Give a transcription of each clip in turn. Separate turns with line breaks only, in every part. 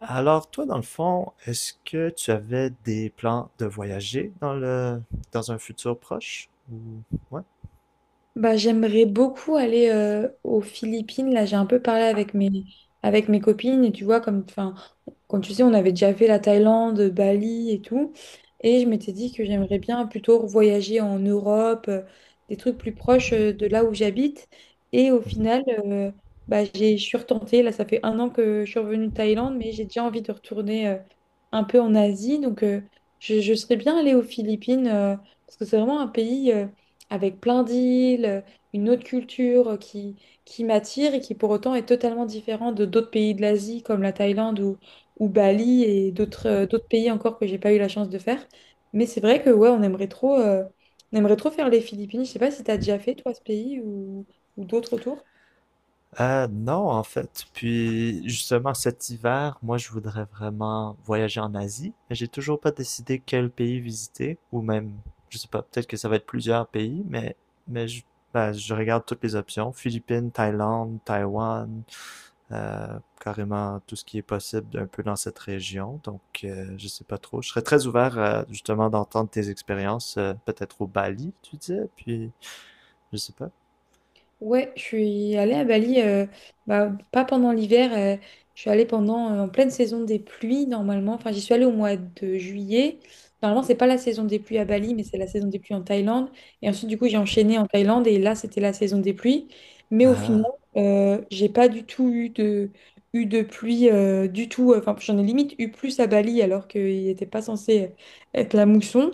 Alors, toi, dans le fond, est-ce que tu avais des plans de voyager dans un futur proche ou ouais?
Bah, j'aimerais beaucoup aller aux Philippines. Là, j'ai un peu parlé avec mes copines. Et tu vois, comme, enfin, comme tu sais, on avait déjà fait la Thaïlande, Bali et tout. Et je m'étais dit que j'aimerais bien plutôt voyager en Europe, des trucs plus proches de là où j'habite. Et au final, bah, je suis retentée. Là, ça fait 1 an que je suis revenue de Thaïlande, mais j'ai déjà envie de retourner un peu en Asie. Donc, je serais bien allée aux Philippines parce que c'est vraiment un pays, avec plein d'îles, une autre culture qui m'attire et qui pour autant est totalement différente de d'autres pays de l'Asie comme la Thaïlande ou Bali et d'autres pays encore que j'ai pas eu la chance de faire. Mais c'est vrai que ouais, on aimerait trop faire les Philippines. Je sais pas si tu as déjà fait toi ce pays ou d'autres autour.
Non, en fait. Puis justement, cet hiver, moi, je voudrais vraiment voyager en Asie, mais j'ai toujours pas décidé quel pays visiter ou même, je sais pas, peut-être que ça va être plusieurs pays, mais je, ben, je regarde toutes les options, Philippines, Thaïlande, Taïwan, carrément tout ce qui est possible un peu dans cette région. Donc, je sais pas trop. Je serais très ouvert à, justement d'entendre tes expériences, peut-être au Bali, tu disais, puis je sais pas.
Ouais, je suis allée à Bali, bah, pas pendant l'hiver, je suis allée pendant, en pleine saison des pluies normalement. Enfin, j'y suis allée au mois de juillet. Normalement, c'est pas la saison des pluies à Bali, mais c'est la saison des pluies en Thaïlande. Et ensuite, du coup, j'ai enchaîné en Thaïlande et là, c'était la saison des pluies. Mais au final,
Ah.
j'ai pas du tout eu de pluie du tout. Enfin, j'en ai limite eu plus à Bali alors qu'il n'était pas censé être la mousson.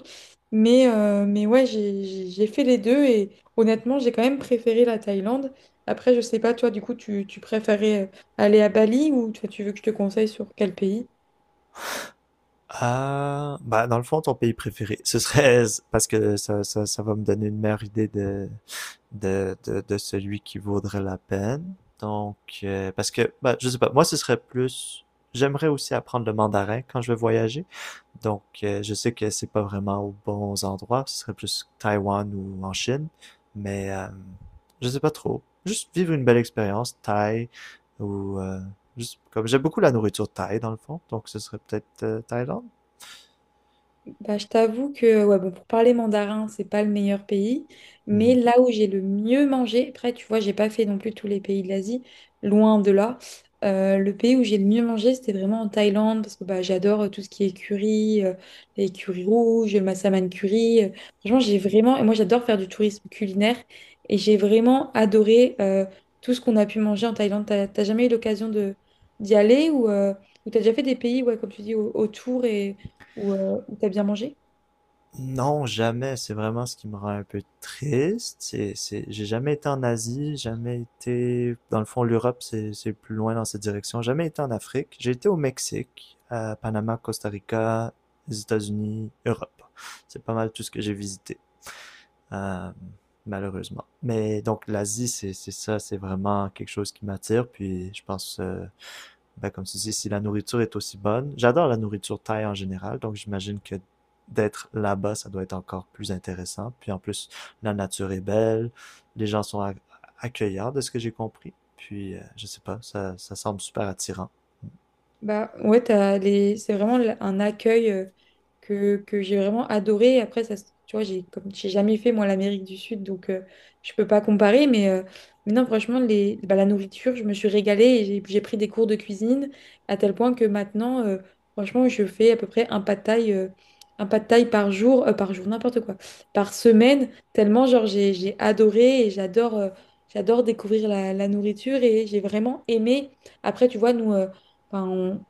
Mais ouais, j'ai fait les deux. Honnêtement, j'ai quand même préféré la Thaïlande. Après, je sais pas, toi, du coup, tu préférais aller à Bali ou toi, tu veux que je te conseille sur quel pays?
Ah, bah dans le fond, ton pays préféré, ce serait parce que ça va me donner une meilleure idée de celui qui vaudrait la peine. Donc, parce que, bah, je sais pas, moi, ce serait plus, j'aimerais aussi apprendre le mandarin quand je vais voyager. Donc, je sais que c'est pas vraiment aux bons endroits, ce serait plus Taïwan ou en Chine, mais je sais pas trop. Juste vivre une belle expérience thaï ou juste comme j'aime beaucoup la nourriture thaï dans le fond, donc ce serait peut-être Thaïlande.
Bah, je t'avoue que ouais, bon, pour parler mandarin, c'est pas le meilleur pays,
Mhm.
mais là où j'ai le mieux mangé, après, tu vois, j'ai pas fait non plus tous les pays de l'Asie, loin de là. Le pays où j'ai le mieux mangé, c'était vraiment en Thaïlande, parce que bah, j'adore tout ce qui est curry, les currys rouges, le massaman curry. Franchement, j'ai vraiment, et moi j'adore faire du tourisme culinaire, et j'ai vraiment adoré tout ce qu'on a pu manger en Thaïlande. T'as jamais eu l'occasion de d'y aller ou t'as déjà fait des pays, ouais, comme tu dis, autour et où tu as bien mangé?
Non, jamais. C'est vraiment ce qui me rend un peu triste. J'ai jamais été en Asie, jamais été, dans le fond, l'Europe, c'est plus loin dans cette direction. Jamais été en Afrique. J'ai été au Mexique, à Panama, Costa Rica, les États-Unis, Europe. C'est pas mal tout ce que j'ai visité, euh, malheureusement. Mais donc l'Asie, c'est vraiment quelque chose qui m'attire. Puis je pense, ben, comme tu dis, si la nourriture est aussi bonne. J'adore la nourriture thaï en général, donc j'imagine que d'être là-bas, ça doit être encore plus intéressant. Puis en plus, la nature est belle, les gens sont accueillants, de ce que j'ai compris. Puis, je sais pas, ça semble super attirant.
Bah ouais, t'as les... c'est vraiment un accueil que j'ai vraiment adoré. Après, ça, tu vois, j'ai comme j'ai jamais fait moi l'Amérique du Sud, donc je peux pas comparer. Mais non, franchement, les... bah, la nourriture, je me suis régalée et j'ai pris des cours de cuisine à tel point que maintenant, franchement, je fais à peu près un pad thaï par jour, n'importe quoi, par semaine, tellement genre j'ai adoré et j'adore découvrir la nourriture et j'ai vraiment aimé. Après, tu vois, nous. Enfin,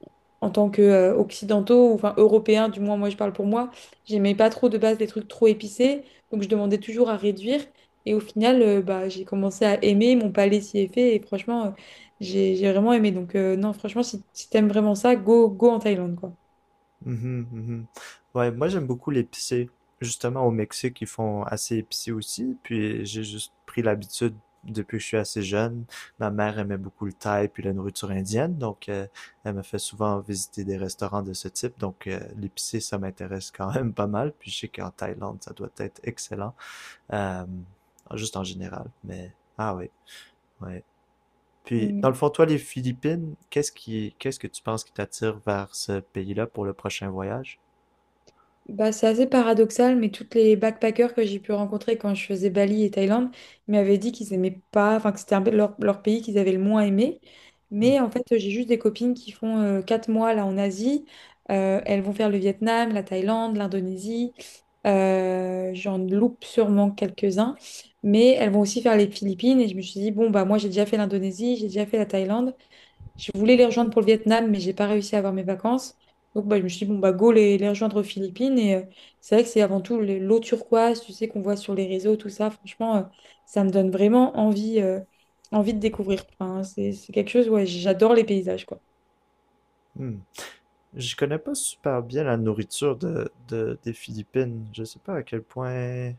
en tant que occidentaux, ou, enfin européens, du moins moi je parle pour moi, j'aimais pas trop de base des trucs trop épicés, donc je demandais toujours à réduire. Et au final, bah, j'ai commencé à aimer, mon palais s'y est fait, et franchement, j'ai vraiment aimé. Donc non, franchement, si t'aimes vraiment ça, go, go en Thaïlande, quoi.
Mhm, mhm. Ouais, moi j'aime beaucoup l'épicé. Justement, au Mexique, ils font assez épicé aussi. Puis j'ai juste pris l'habitude depuis que je suis assez jeune. Ma mère aimait beaucoup le thaï puis la nourriture indienne. Donc elle me fait souvent visiter des restaurants de ce type. Donc l'épicé, ça m'intéresse quand même pas mal. Puis je sais qu'en Thaïlande, ça doit être excellent. Euh, juste en général. Mais ah oui, ouais. Puis
Mm.
dans le fond, toi, les Philippines, qu'est-ce que tu penses qui t'attire vers ce pays-là pour le prochain voyage?
Bah, c'est assez paradoxal, mais toutes les backpackers que j'ai pu rencontrer quand je faisais Bali et Thaïlande, ils m'avaient dit qu'ils aimaient pas, enfin que c'était un peu leur pays qu'ils avaient le moins aimé. Mais en fait, j'ai juste des copines qui font 4 mois là en Asie. Elles vont faire le Vietnam, la Thaïlande, l'Indonésie. J'en loupe sûrement quelques-uns. Mais elles vont aussi faire les Philippines. Et je me suis dit, bon, bah moi j'ai déjà fait l'Indonésie, j'ai déjà fait la Thaïlande. Je voulais les rejoindre pour le Vietnam, mais j'ai pas réussi à avoir mes vacances. Donc bah, je me suis dit, bon, bah, go les rejoindre aux Philippines. Et c'est vrai que c'est avant tout l'eau turquoise, tu sais, qu'on voit sur les réseaux, tout ça. Franchement, ça me donne vraiment envie, envie de découvrir. Enfin, c'est quelque chose, ouais, j'adore les paysages, quoi.
Hmm. Je connais pas super bien la nourriture des Philippines. Je sais pas à quel point.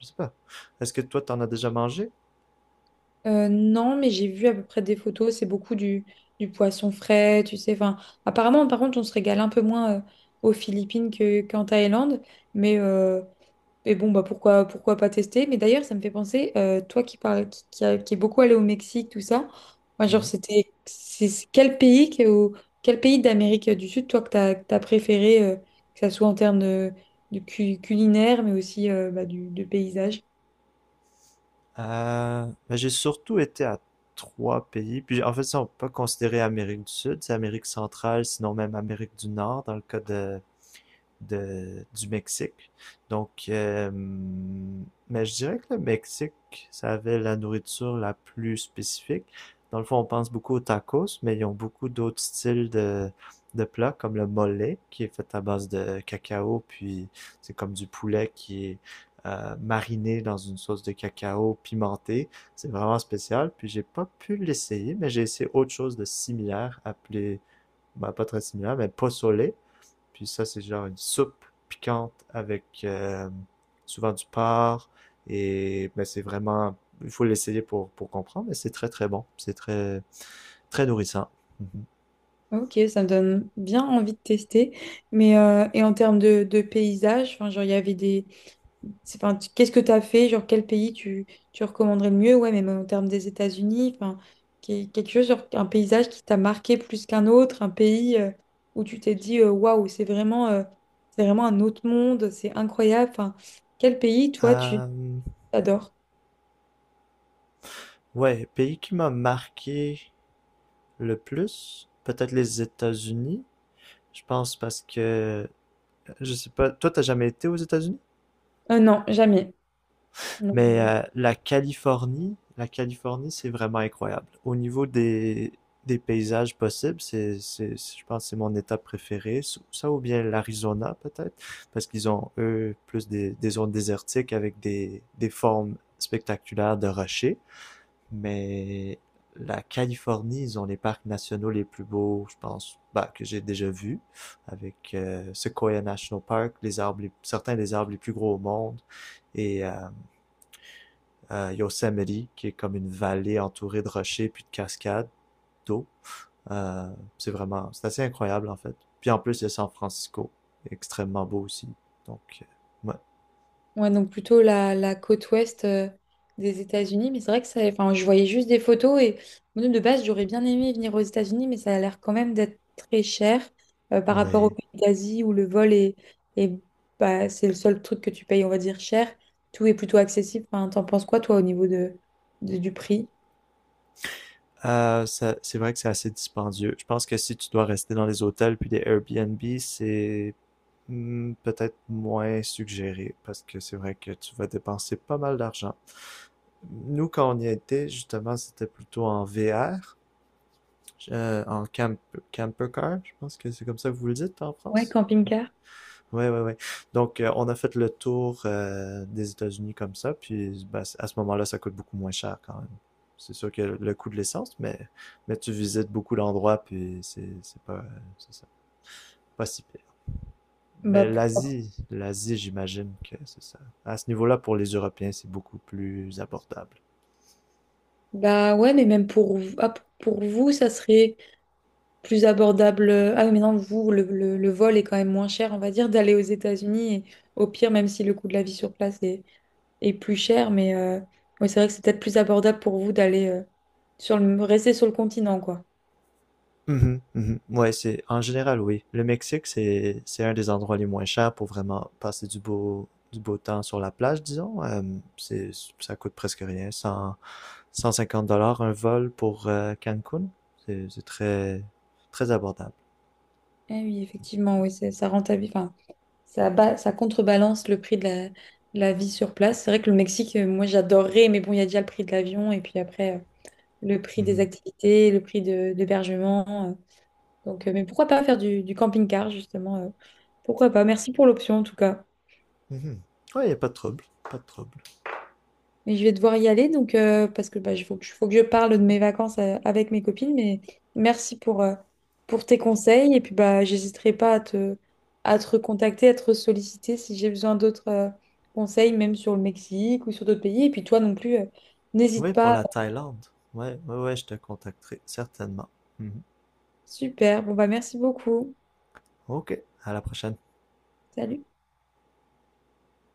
Je sais pas. Est-ce que toi, t'en as déjà mangé?
Non, mais j'ai vu à peu près des photos, c'est beaucoup du poisson frais, tu sais. Enfin, apparemment, par contre, on se régale un peu moins aux Philippines qu'en Thaïlande. Mais euh, Mais bon, bah pourquoi pas tester? Mais d'ailleurs, ça me fait penser, toi qui parles, qui est beaucoup allé au Mexique, tout ça, moi, genre,
Mhm.
c'était, c'est quel pays, ou quel pays d'Amérique du Sud, toi, que t'as préféré, que ça soit en termes de, culinaire, mais aussi bah, de paysage?
Ben, j'ai surtout été à 3 pays. Puis en fait, ça, on peut pas considérer Amérique du Sud, c'est Amérique centrale, sinon même Amérique du Nord, dans le cas de, du Mexique. Donc, mais je dirais que le Mexique, ça avait la nourriture la plus spécifique. Dans le fond, on pense beaucoup aux tacos, mais ils ont beaucoup d'autres styles de plats, comme le mole, qui est fait à base de cacao, puis c'est comme du poulet qui est mariné dans une sauce de cacao pimentée. C'est vraiment spécial, puis j'ai pas pu l'essayer, mais j'ai essayé autre chose de similaire, appelé, bah, pas très similaire, mais pozole, puis ça, c'est genre une soupe piquante avec souvent du porc. Et ben, c'est vraiment, il faut l'essayer pour comprendre, mais c'est très très bon. C'est très très nourrissant. Mhm.
Ok, ça me donne bien envie de tester. Mais, et en termes de paysage, enfin, genre, il y avait des, c'est, enfin, qu'est-ce que tu as fait? Genre, quel pays tu recommanderais le mieux? Ouais, même en termes des États-Unis, enfin, quelque chose, genre, un paysage qui t'a marqué plus qu'un autre, un pays où tu t'es dit, waouh, c'est vraiment un autre monde, c'est incroyable. Enfin, quel pays, toi, tu
Euh,
adores?
ouais, pays qui m'a marqué le plus, peut-être les États-Unis. Je pense parce que, je sais pas, toi, t'as jamais été aux États-Unis?
Non, jamais. Non.
Mais la Californie, c'est vraiment incroyable. Au niveau des paysages possibles, je pense que c'est mon état préféré. Ça ou bien l'Arizona, peut-être, parce qu'ils ont, eux, plus des zones désertiques avec des formes spectaculaires de rochers. Mais la Californie, ils ont les parcs nationaux les plus beaux, je pense, bah, que j'ai déjà vus, avec Sequoia National Park, les arbres, certains des arbres les plus gros au monde. Et euh, Yosemite, qui est comme une vallée entourée de rochers puis de cascades d'eau. C'est vraiment, c'est assez incroyable en fait. Puis en plus, il y a San Francisco, extrêmement beau aussi. Donc, ouais.
Ouais, donc plutôt la côte ouest des États-Unis. Mais c'est vrai que ça, enfin, je voyais juste des photos et moi, de base, j'aurais bien aimé venir aux États-Unis, mais ça a l'air quand même d'être très cher par rapport aux
Oui.
pays d'Asie où le vol est bah, c'est le seul truc que tu payes, on va dire, cher. Tout est plutôt accessible. Enfin, t'en penses quoi, toi, au niveau du prix?
C'est vrai que c'est assez dispendieux. Je pense que si tu dois rester dans les hôtels puis des Airbnb, c'est hmm, peut-être moins suggéré parce que c'est vrai que tu vas dépenser pas mal d'argent. Nous, quand on y était, justement, c'était plutôt en VR. En camper car, je pense que c'est comme ça que vous le dites en
Ouais,
France.
camping-car.
Ouais, ouais, ouais. Donc, on a fait le tour des États-Unis comme ça, puis ben, à ce moment-là, ça coûte beaucoup moins cher quand même. C'est sûr que le coût de l'essence, mais tu visites beaucoup d'endroits, puis c'est pas, c'est ça, pas si pire.
Bah,
Mais l'Asie, j'imagine que c'est ça. À ce niveau-là, pour les Européens, c'est beaucoup plus abordable.
bah ouais, mais même pour vous, ça serait plus abordable. Ah oui, mais non, vous, le vol est quand même moins cher, on va dire, d'aller aux États-Unis. Et au pire, même si le coût de la vie sur place est plus cher, mais ouais, c'est vrai que c'est peut-être plus abordable pour vous d'aller rester sur le continent, quoi.
Mhm, mhm. Ouais, c'est en général, oui. Le Mexique, c'est un des endroits les moins chers pour vraiment passer du beau temps sur la plage, disons. C'est ça coûte presque rien, 100 150 dollars un vol pour Cancun. C'est très très abordable.
Eh oui, effectivement, oui, ça rentabilise, enfin, ça contrebalance le prix de la vie sur place. C'est vrai que le Mexique, moi, j'adorerais, mais bon, il y a déjà le prix de l'avion et puis après, le prix des
Mhm,
activités, le prix de l'hébergement. Donc, mais pourquoi pas faire du camping-car, justement, pourquoi pas? Merci pour l'option, en tout cas.
mhm. Ouais, y a pas de trouble, pas de trouble.
Mais je vais devoir y aller, donc, parce que bah, il faut que je parle de mes vacances avec mes copines, mais merci pour tes conseils, et puis bah, j'hésiterai pas à te, à te recontacter, à te solliciter si j'ai besoin d'autres conseils, même sur le Mexique ou sur d'autres pays, et puis toi non plus, n'hésite
Oui, pour
pas.
la Thaïlande. Ouais, ouais, ouais, je te contacterai certainement. Mhm.
Super, bon bah merci beaucoup.
Ok, à la prochaine.
Salut.